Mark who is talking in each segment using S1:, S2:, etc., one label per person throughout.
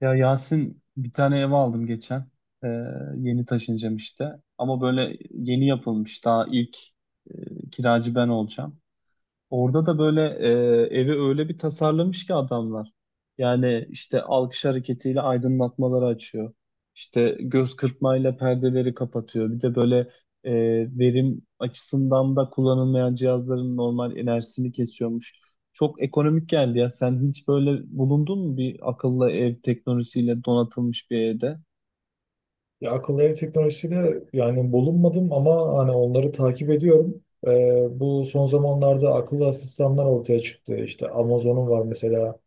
S1: Ya Yasin bir tane ev aldım geçen. Ee, yeni taşınacağım işte. Ama böyle yeni yapılmış. Daha ilk kiracı ben olacağım. Orada da böyle evi öyle bir tasarlamış ki adamlar. Yani işte alkış hareketiyle aydınlatmaları açıyor. İşte göz kırpmayla perdeleri kapatıyor. Bir de böyle e, verim açısından da kullanılmayan cihazların normal enerjisini kesiyormuş. Çok ekonomik geldi ya. Sen hiç böyle bulundun mu bir akıllı ev teknolojisiyle donatılmış bir evde?
S2: Ya akıllı ev teknolojisiyle yani bulunmadım ama hani onları takip ediyorum. Bu son zamanlarda akıllı asistanlar ortaya çıktı. İşte Amazon'un var mesela,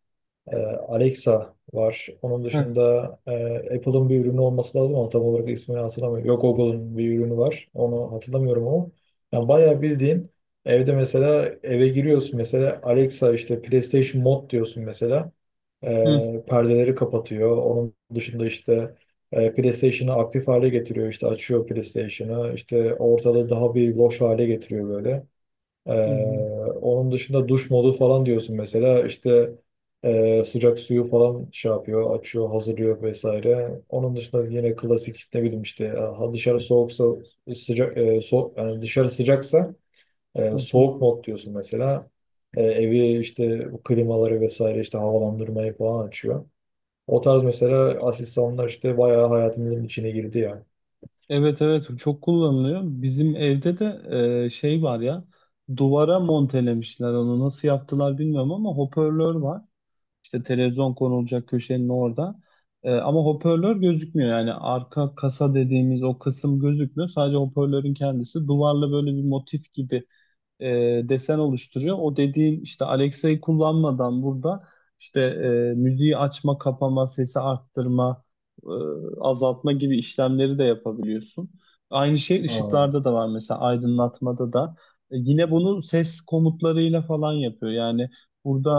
S2: ee, Alexa var. Onun
S1: Heh.
S2: dışında e, Apple'ın bir ürünü olması lazım ama tam olarak ismini hatırlamıyorum. Yok, Google'ın bir ürünü var. Onu hatırlamıyorum ama. Yani bayağı bildiğin evde mesela, eve giriyorsun mesela, Alexa işte PlayStation Mod diyorsun mesela.
S1: Hı.
S2: Perdeleri kapatıyor. Onun dışında işte PlayStation'ı aktif hale getiriyor. İşte açıyor PlayStation'ı. İşte ortalığı daha bir loş hale getiriyor böyle. Ee,
S1: Hı hı.
S2: onun dışında duş modu falan diyorsun mesela, işte sıcak suyu falan şey yapıyor, açıyor, hazırlıyor vesaire. Onun dışında yine klasik ne bileyim işte, ha, dışarı soğuksa sıcak yani dışarı sıcaksa
S1: Hı hı.
S2: soğuk mod diyorsun mesela. Evi işte, bu klimaları vesaire, işte havalandırmayı falan açıyor. O tarz mesela asistanlar işte bayağı hayatımızın içine girdi ya.
S1: Evet, evet, çok kullanılıyor. Bizim evde de şey var ya, duvara montelemişler, onu nasıl yaptılar bilmiyorum ama hoparlör var. İşte televizyon konulacak köşenin orada. Ama hoparlör gözükmüyor yani arka kasa dediğimiz o kısım gözükmüyor. Sadece hoparlörün kendisi duvarla böyle bir motif gibi e, desen oluşturuyor. O dediğin işte Alexa'yı kullanmadan burada işte müziği açma, kapama, sesi arttırma, e, azaltma gibi işlemleri de yapabiliyorsun. Aynı şey
S2: Ha,
S1: ışıklarda da var mesela, aydınlatmada da. Yine bunu ses komutlarıyla falan yapıyor. Yani burada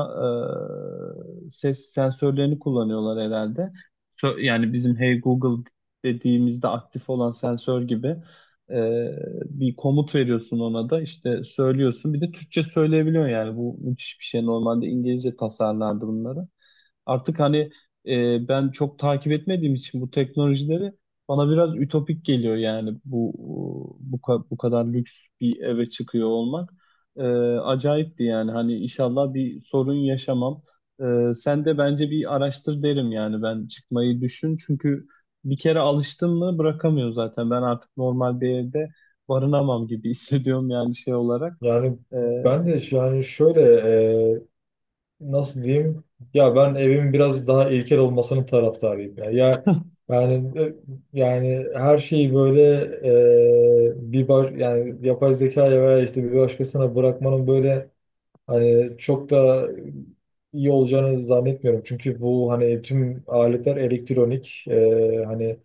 S1: ses sensörlerini kullanıyorlar herhalde. Yani bizim Hey Google dediğimizde aktif olan sensör gibi. Ee, bir komut veriyorsun, ona da işte söylüyorsun. Bir de Türkçe söyleyebiliyor yani, bu müthiş bir şey. Normalde İngilizce tasarlardı bunları. Artık hani ben çok takip etmediğim için bu teknolojileri bana biraz ütopik geliyor yani bu kadar lüks bir eve çıkıyor olmak. E, acayipti yani, hani inşallah bir sorun yaşamam. Sen de bence bir araştır derim yani, ben çıkmayı düşün, çünkü bir kere alıştın mı bırakamıyor zaten. Ben artık normal bir evde barınamam gibi hissediyorum yani, şey olarak.
S2: yani
S1: E,
S2: yani şöyle, e, nasıl diyeyim, ya ben evimin biraz daha ilkel olmasının taraftarıyım ya. Ya yani, yani her şeyi böyle bir baş, yani yapay zekaya veya işte bir başkasına bırakmanın böyle hani çok da iyi olacağını zannetmiyorum. Çünkü bu hani tüm aletler elektronik. Hani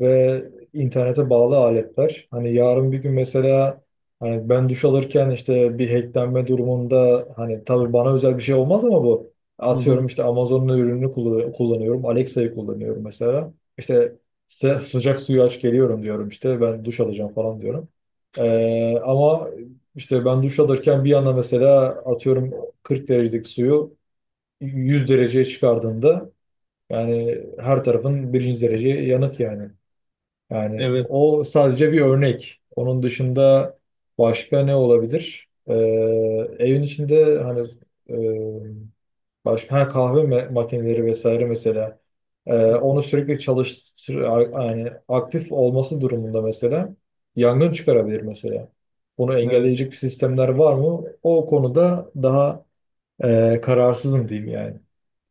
S2: ve internete bağlı aletler. Hani yarın bir gün mesela, hani ben duş alırken işte bir hacklenme durumunda hani tabii bana özel bir şey olmaz ama bu,
S1: hı hı,
S2: atıyorum işte Amazon'un ürününü kullanıyorum. Alexa'yı kullanıyorum mesela. İşte sıcak suyu aç geliyorum diyorum, işte ben duş alacağım falan diyorum. Ama işte ben duş alırken bir yana mesela atıyorum 40 derecelik suyu 100 dereceye çıkardığında, yani her tarafın birinci derece yanık yani. Yani
S1: evet.
S2: o sadece bir örnek. Onun dışında başka ne olabilir? Evin içinde hani e, başka ha, makineleri vesaire mesela.
S1: Hı hı,
S2: Onu sürekli yani aktif olması durumunda mesela yangın çıkarabilir mesela. Bunu engelleyecek
S1: evet.
S2: sistemler var mı? O konuda daha kararsızım diyeyim yani.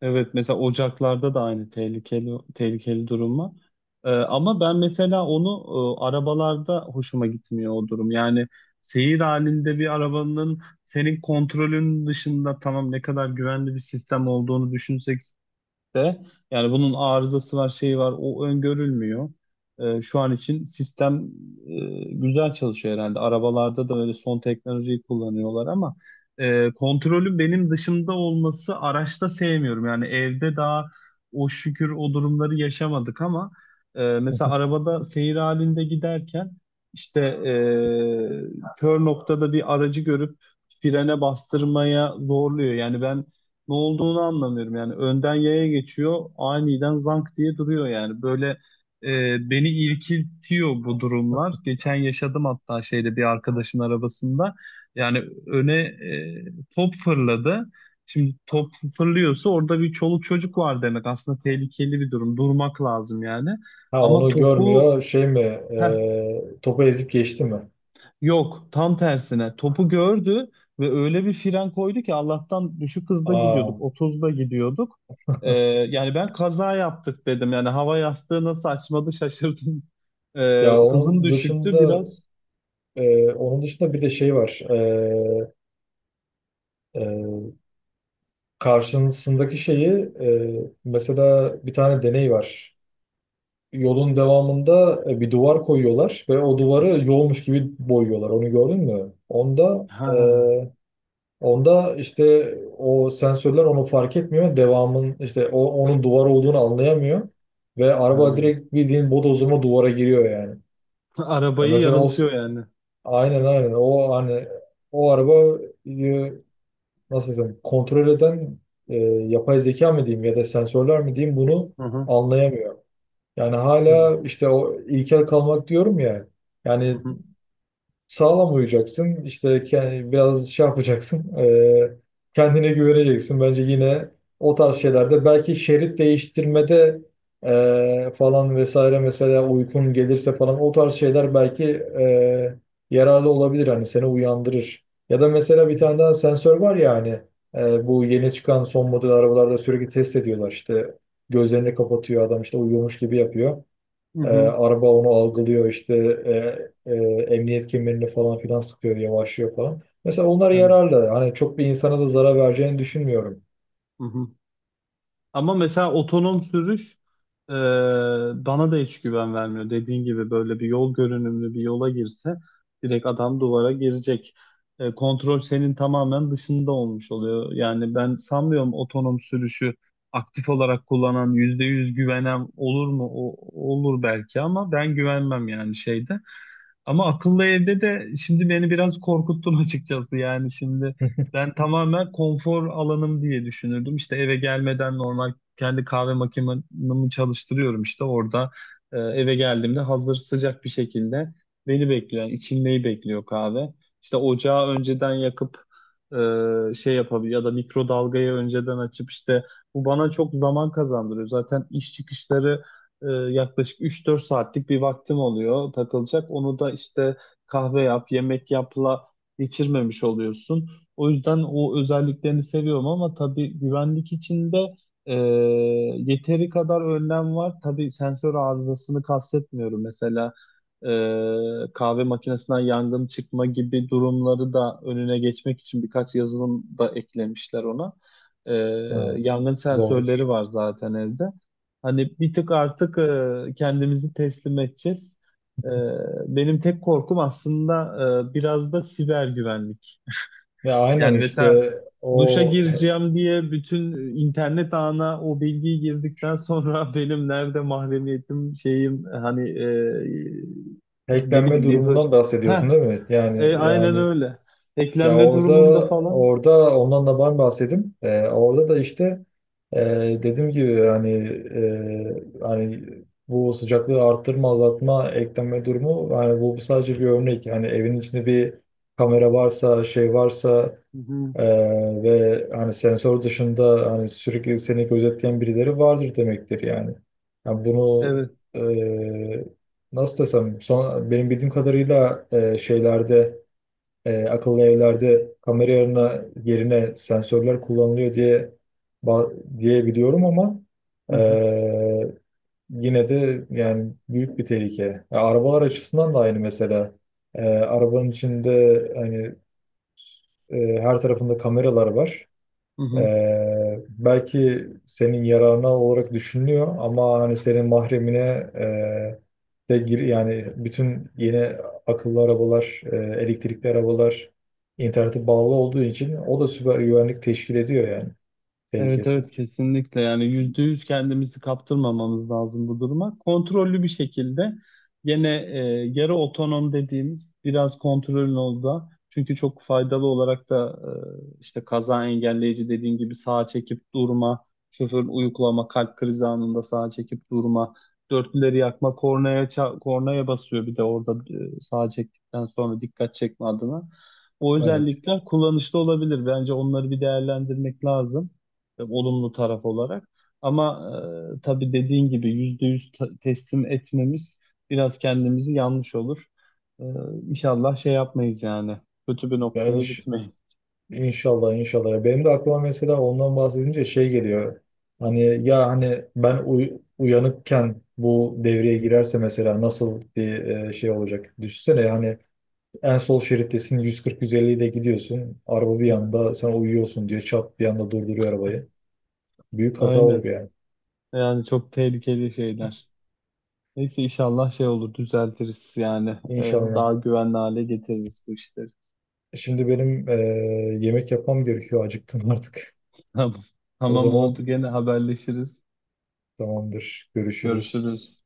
S1: Evet, mesela ocaklarda da aynı tehlikeli tehlikeli durum var. Ama ben mesela onu arabalarda hoşuma gitmiyor o durum. Yani seyir halinde bir arabanın senin kontrolün dışında, tamam ne kadar güvenli bir sistem olduğunu düşünsek de yani bunun arızası var, şeyi var, o öngörülmüyor. Şu an için sistem güzel çalışıyor herhalde. Arabalarda da öyle son teknolojiyi kullanıyorlar ama kontrolün benim dışımda olması, araçta sevmiyorum. Yani evde daha o şükür o durumları yaşamadık ama mesela arabada seyir halinde giderken işte kör noktada bir aracı görüp frene bastırmaya zorluyor. Yani ben ne olduğunu anlamıyorum. Yani önden yaya geçiyor, aniden zank diye duruyor yani. Böyle beni irkiltiyor bu durumlar. Geçen yaşadım hatta şeyde, bir arkadaşın arabasında. Yani öne top fırladı. Şimdi top fırlıyorsa orada bir çoluk çocuk var demek. Aslında tehlikeli bir durum. Durmak lazım yani.
S2: Ha,
S1: Ama
S2: onu
S1: topu
S2: görmüyor. Şey mi?
S1: heh,
S2: Topu ezip geçti mi?
S1: Yok, tam tersine. Topu gördü ve öyle bir fren koydu ki, Allah'tan düşük hızda gidiyorduk,
S2: Aa,
S1: 30'da gidiyorduk. Ee, yani ben kaza yaptık dedim. Yani hava yastığı nasıl açmadı şaşırdım. Ee,
S2: ya
S1: hızım
S2: onun
S1: düşüktü
S2: dışında
S1: biraz.
S2: onun dışında bir de şey var. E, karşısındaki şeyi, e, mesela bir tane deney var. Yolun devamında bir duvar koyuyorlar ve o duvarı yolmuş gibi boyuyorlar. Onu gördün mü?
S1: Ha,
S2: Onda işte o sensörler onu fark etmiyor. Devamın işte o, onun duvar olduğunu anlayamıyor. Ve
S1: ha.
S2: araba direkt bildiğin bodozuma duvara giriyor yani. Ya
S1: Arabayı
S2: mesela
S1: yarıltıyor yani.
S2: aynen aynen o hani, o araba e, nasıl desem kontrol eden yapay zeka mı diyeyim ya da sensörler mi diyeyim, bunu
S1: Hı hı.
S2: anlayamıyor. Yani
S1: Evet.
S2: hala işte o ilkel kalmak diyorum ya.
S1: Hı
S2: Yani
S1: hı.
S2: sağlam uyuyacaksın. İşte biraz şey yapacaksın. Kendine güveneceksin. Bence yine o tarz şeylerde belki şerit değiştirmede falan vesaire, mesela uykun gelirse falan o tarz şeyler belki e, yararlı olabilir. Hani seni uyandırır. Ya da mesela bir tane daha sensör var ya hani, bu yeni çıkan son model arabalarda sürekli test ediyorlar. İşte gözlerini kapatıyor adam, işte uyuyormuş gibi yapıyor.
S1: Hı hı.
S2: Araba onu algılıyor, işte e, e, emniyet kemerini falan filan sıkıyor, yavaşlıyor falan. Mesela onlar
S1: Evet.
S2: yararlı. Hani çok bir insana da zarar vereceğini düşünmüyorum.
S1: Hı hı. Ama mesela otonom sürüş e, bana da hiç güven vermiyor. Dediğin gibi böyle bir yol görünümlü bir yola girse direkt adam duvara girecek. Kontrol senin tamamen dışında olmuş oluyor. Yani ben sanmıyorum, otonom sürüşü aktif olarak kullanan, %100 güvenen olur mu? Olur belki ama ben güvenmem yani, şeyde. Ama akıllı evde de şimdi beni biraz korkuttun açıkçası. Yani şimdi ben tamamen konfor alanım diye düşünürdüm. İşte eve gelmeden normal kendi kahve makinemi çalıştırıyorum işte orada. Eve geldiğimde hazır sıcak bir şekilde beni bekliyor. Yani içilmeyi bekliyor kahve. İşte ocağı önceden yakıp şey yapabiliyor, ya da mikrodalgayı önceden açıp işte, bu bana çok zaman kazandırıyor. Zaten iş çıkışları e, yaklaşık 3-4 saatlik bir vaktim oluyor takılacak. Onu da işte kahve yap, yemek yapla geçirmemiş oluyorsun. O yüzden o özelliklerini seviyorum ama tabii güvenlik içinde e, yeteri kadar önlem var. Tabii sensör arızasını kastetmiyorum. Mesela kahve makinesinden yangın çıkma gibi durumları da önüne geçmek için birkaç yazılım da eklemişler ona. E,
S2: Ha,
S1: yangın
S2: doğrudur.
S1: sensörleri var zaten evde. Hani bir tık artık kendimizi teslim edeceğiz. E, benim tek korkum aslında biraz da siber güvenlik.
S2: Ya
S1: Yani
S2: aynen
S1: mesela
S2: işte
S1: duşa
S2: o he-
S1: gireceğim diye bütün internet ağına o bilgiyi girdikten sonra benim nerede mahremiyetim, şeyim hani ne
S2: hacklenme
S1: bileyim, bir hır.
S2: durumundan
S1: Heh,
S2: bahsediyorsun değil mi? Yani
S1: aynen
S2: yani
S1: öyle.
S2: ya
S1: Eklenme
S2: orada,
S1: durumunda falan.
S2: orada ondan da ben bahsedeyim. Orada da işte, e, dediğim gibi hani, hani bu sıcaklığı arttırma, azaltma, ekleme durumu, yani bu sadece bir örnek. Yani evin içinde bir kamera varsa, şey varsa,
S1: Hı hı,
S2: e, ve hani sensör dışında hani sürekli seni gözetleyen birileri vardır demektir yani. Yani bunu
S1: evet.
S2: e, nasıl desem son, benim bildiğim kadarıyla şeylerde, akıllı evlerde kamera yerine, yerine sensörler kullanılıyor diye biliyorum ama
S1: Hı
S2: e,
S1: hı,
S2: yine de yani büyük bir tehlike. Ya arabalar açısından da aynı mesela. Arabanın içinde hani her tarafında kameralar var.
S1: hı hı.
S2: Belki senin yararına olarak düşünülüyor ama hani senin mahremine de gir, yani bütün yeni akıllı arabalar, elektrikli arabalar internete bağlı olduğu için o da süper güvenlik teşkil ediyor yani,
S1: Evet,
S2: tehlikesi.
S1: evet, kesinlikle yani %100 kendimizi kaptırmamamız lazım bu duruma. Kontrollü bir şekilde gene yarı otonom dediğimiz biraz kontrolün olduğu, çünkü çok faydalı olarak da işte kaza engelleyici dediğin gibi, sağa çekip durma, şoför uyuklama, kalp krizi anında sağa çekip durma, dörtlüleri yakma, kornaya kornaya basıyor bir de orada, sağa çektikten sonra dikkat çekme adına. O
S2: Evet.
S1: özellikler kullanışlı olabilir. Bence onları bir değerlendirmek lazım olumlu taraf olarak. Ama tabii dediğin gibi %100 teslim etmemiz biraz kendimizi, yanlış olur. E, İnşallah şey yapmayız yani. Kötü bir
S2: Ben
S1: noktaya
S2: hiç
S1: gitmeyiz.
S2: İnşallah inşallah. Benim de aklıma mesela ondan bahsedince şey geliyor. Hani, ya hani ben uyanıkken bu devreye girerse mesela nasıl bir şey olacak? Düşünsene hani en sol şerittesin, 140-150 ile gidiyorsun. Araba bir
S1: Evet.
S2: yanda sen uyuyorsun diye çat bir anda durduruyor arabayı. Büyük kaza olur
S1: Aynen.
S2: yani.
S1: Yani çok tehlikeli şeyler. Neyse inşallah şey olur, düzeltiriz yani. E,
S2: İnşallah.
S1: daha güvenli hale getiririz bu işleri.
S2: Şimdi benim yemek yapmam gerekiyor. Acıktım artık.
S1: Tamam.
S2: O
S1: Tamam,
S2: zaman
S1: oldu, gene haberleşiriz.
S2: tamamdır. Görüşürüz.
S1: Görüşürüz.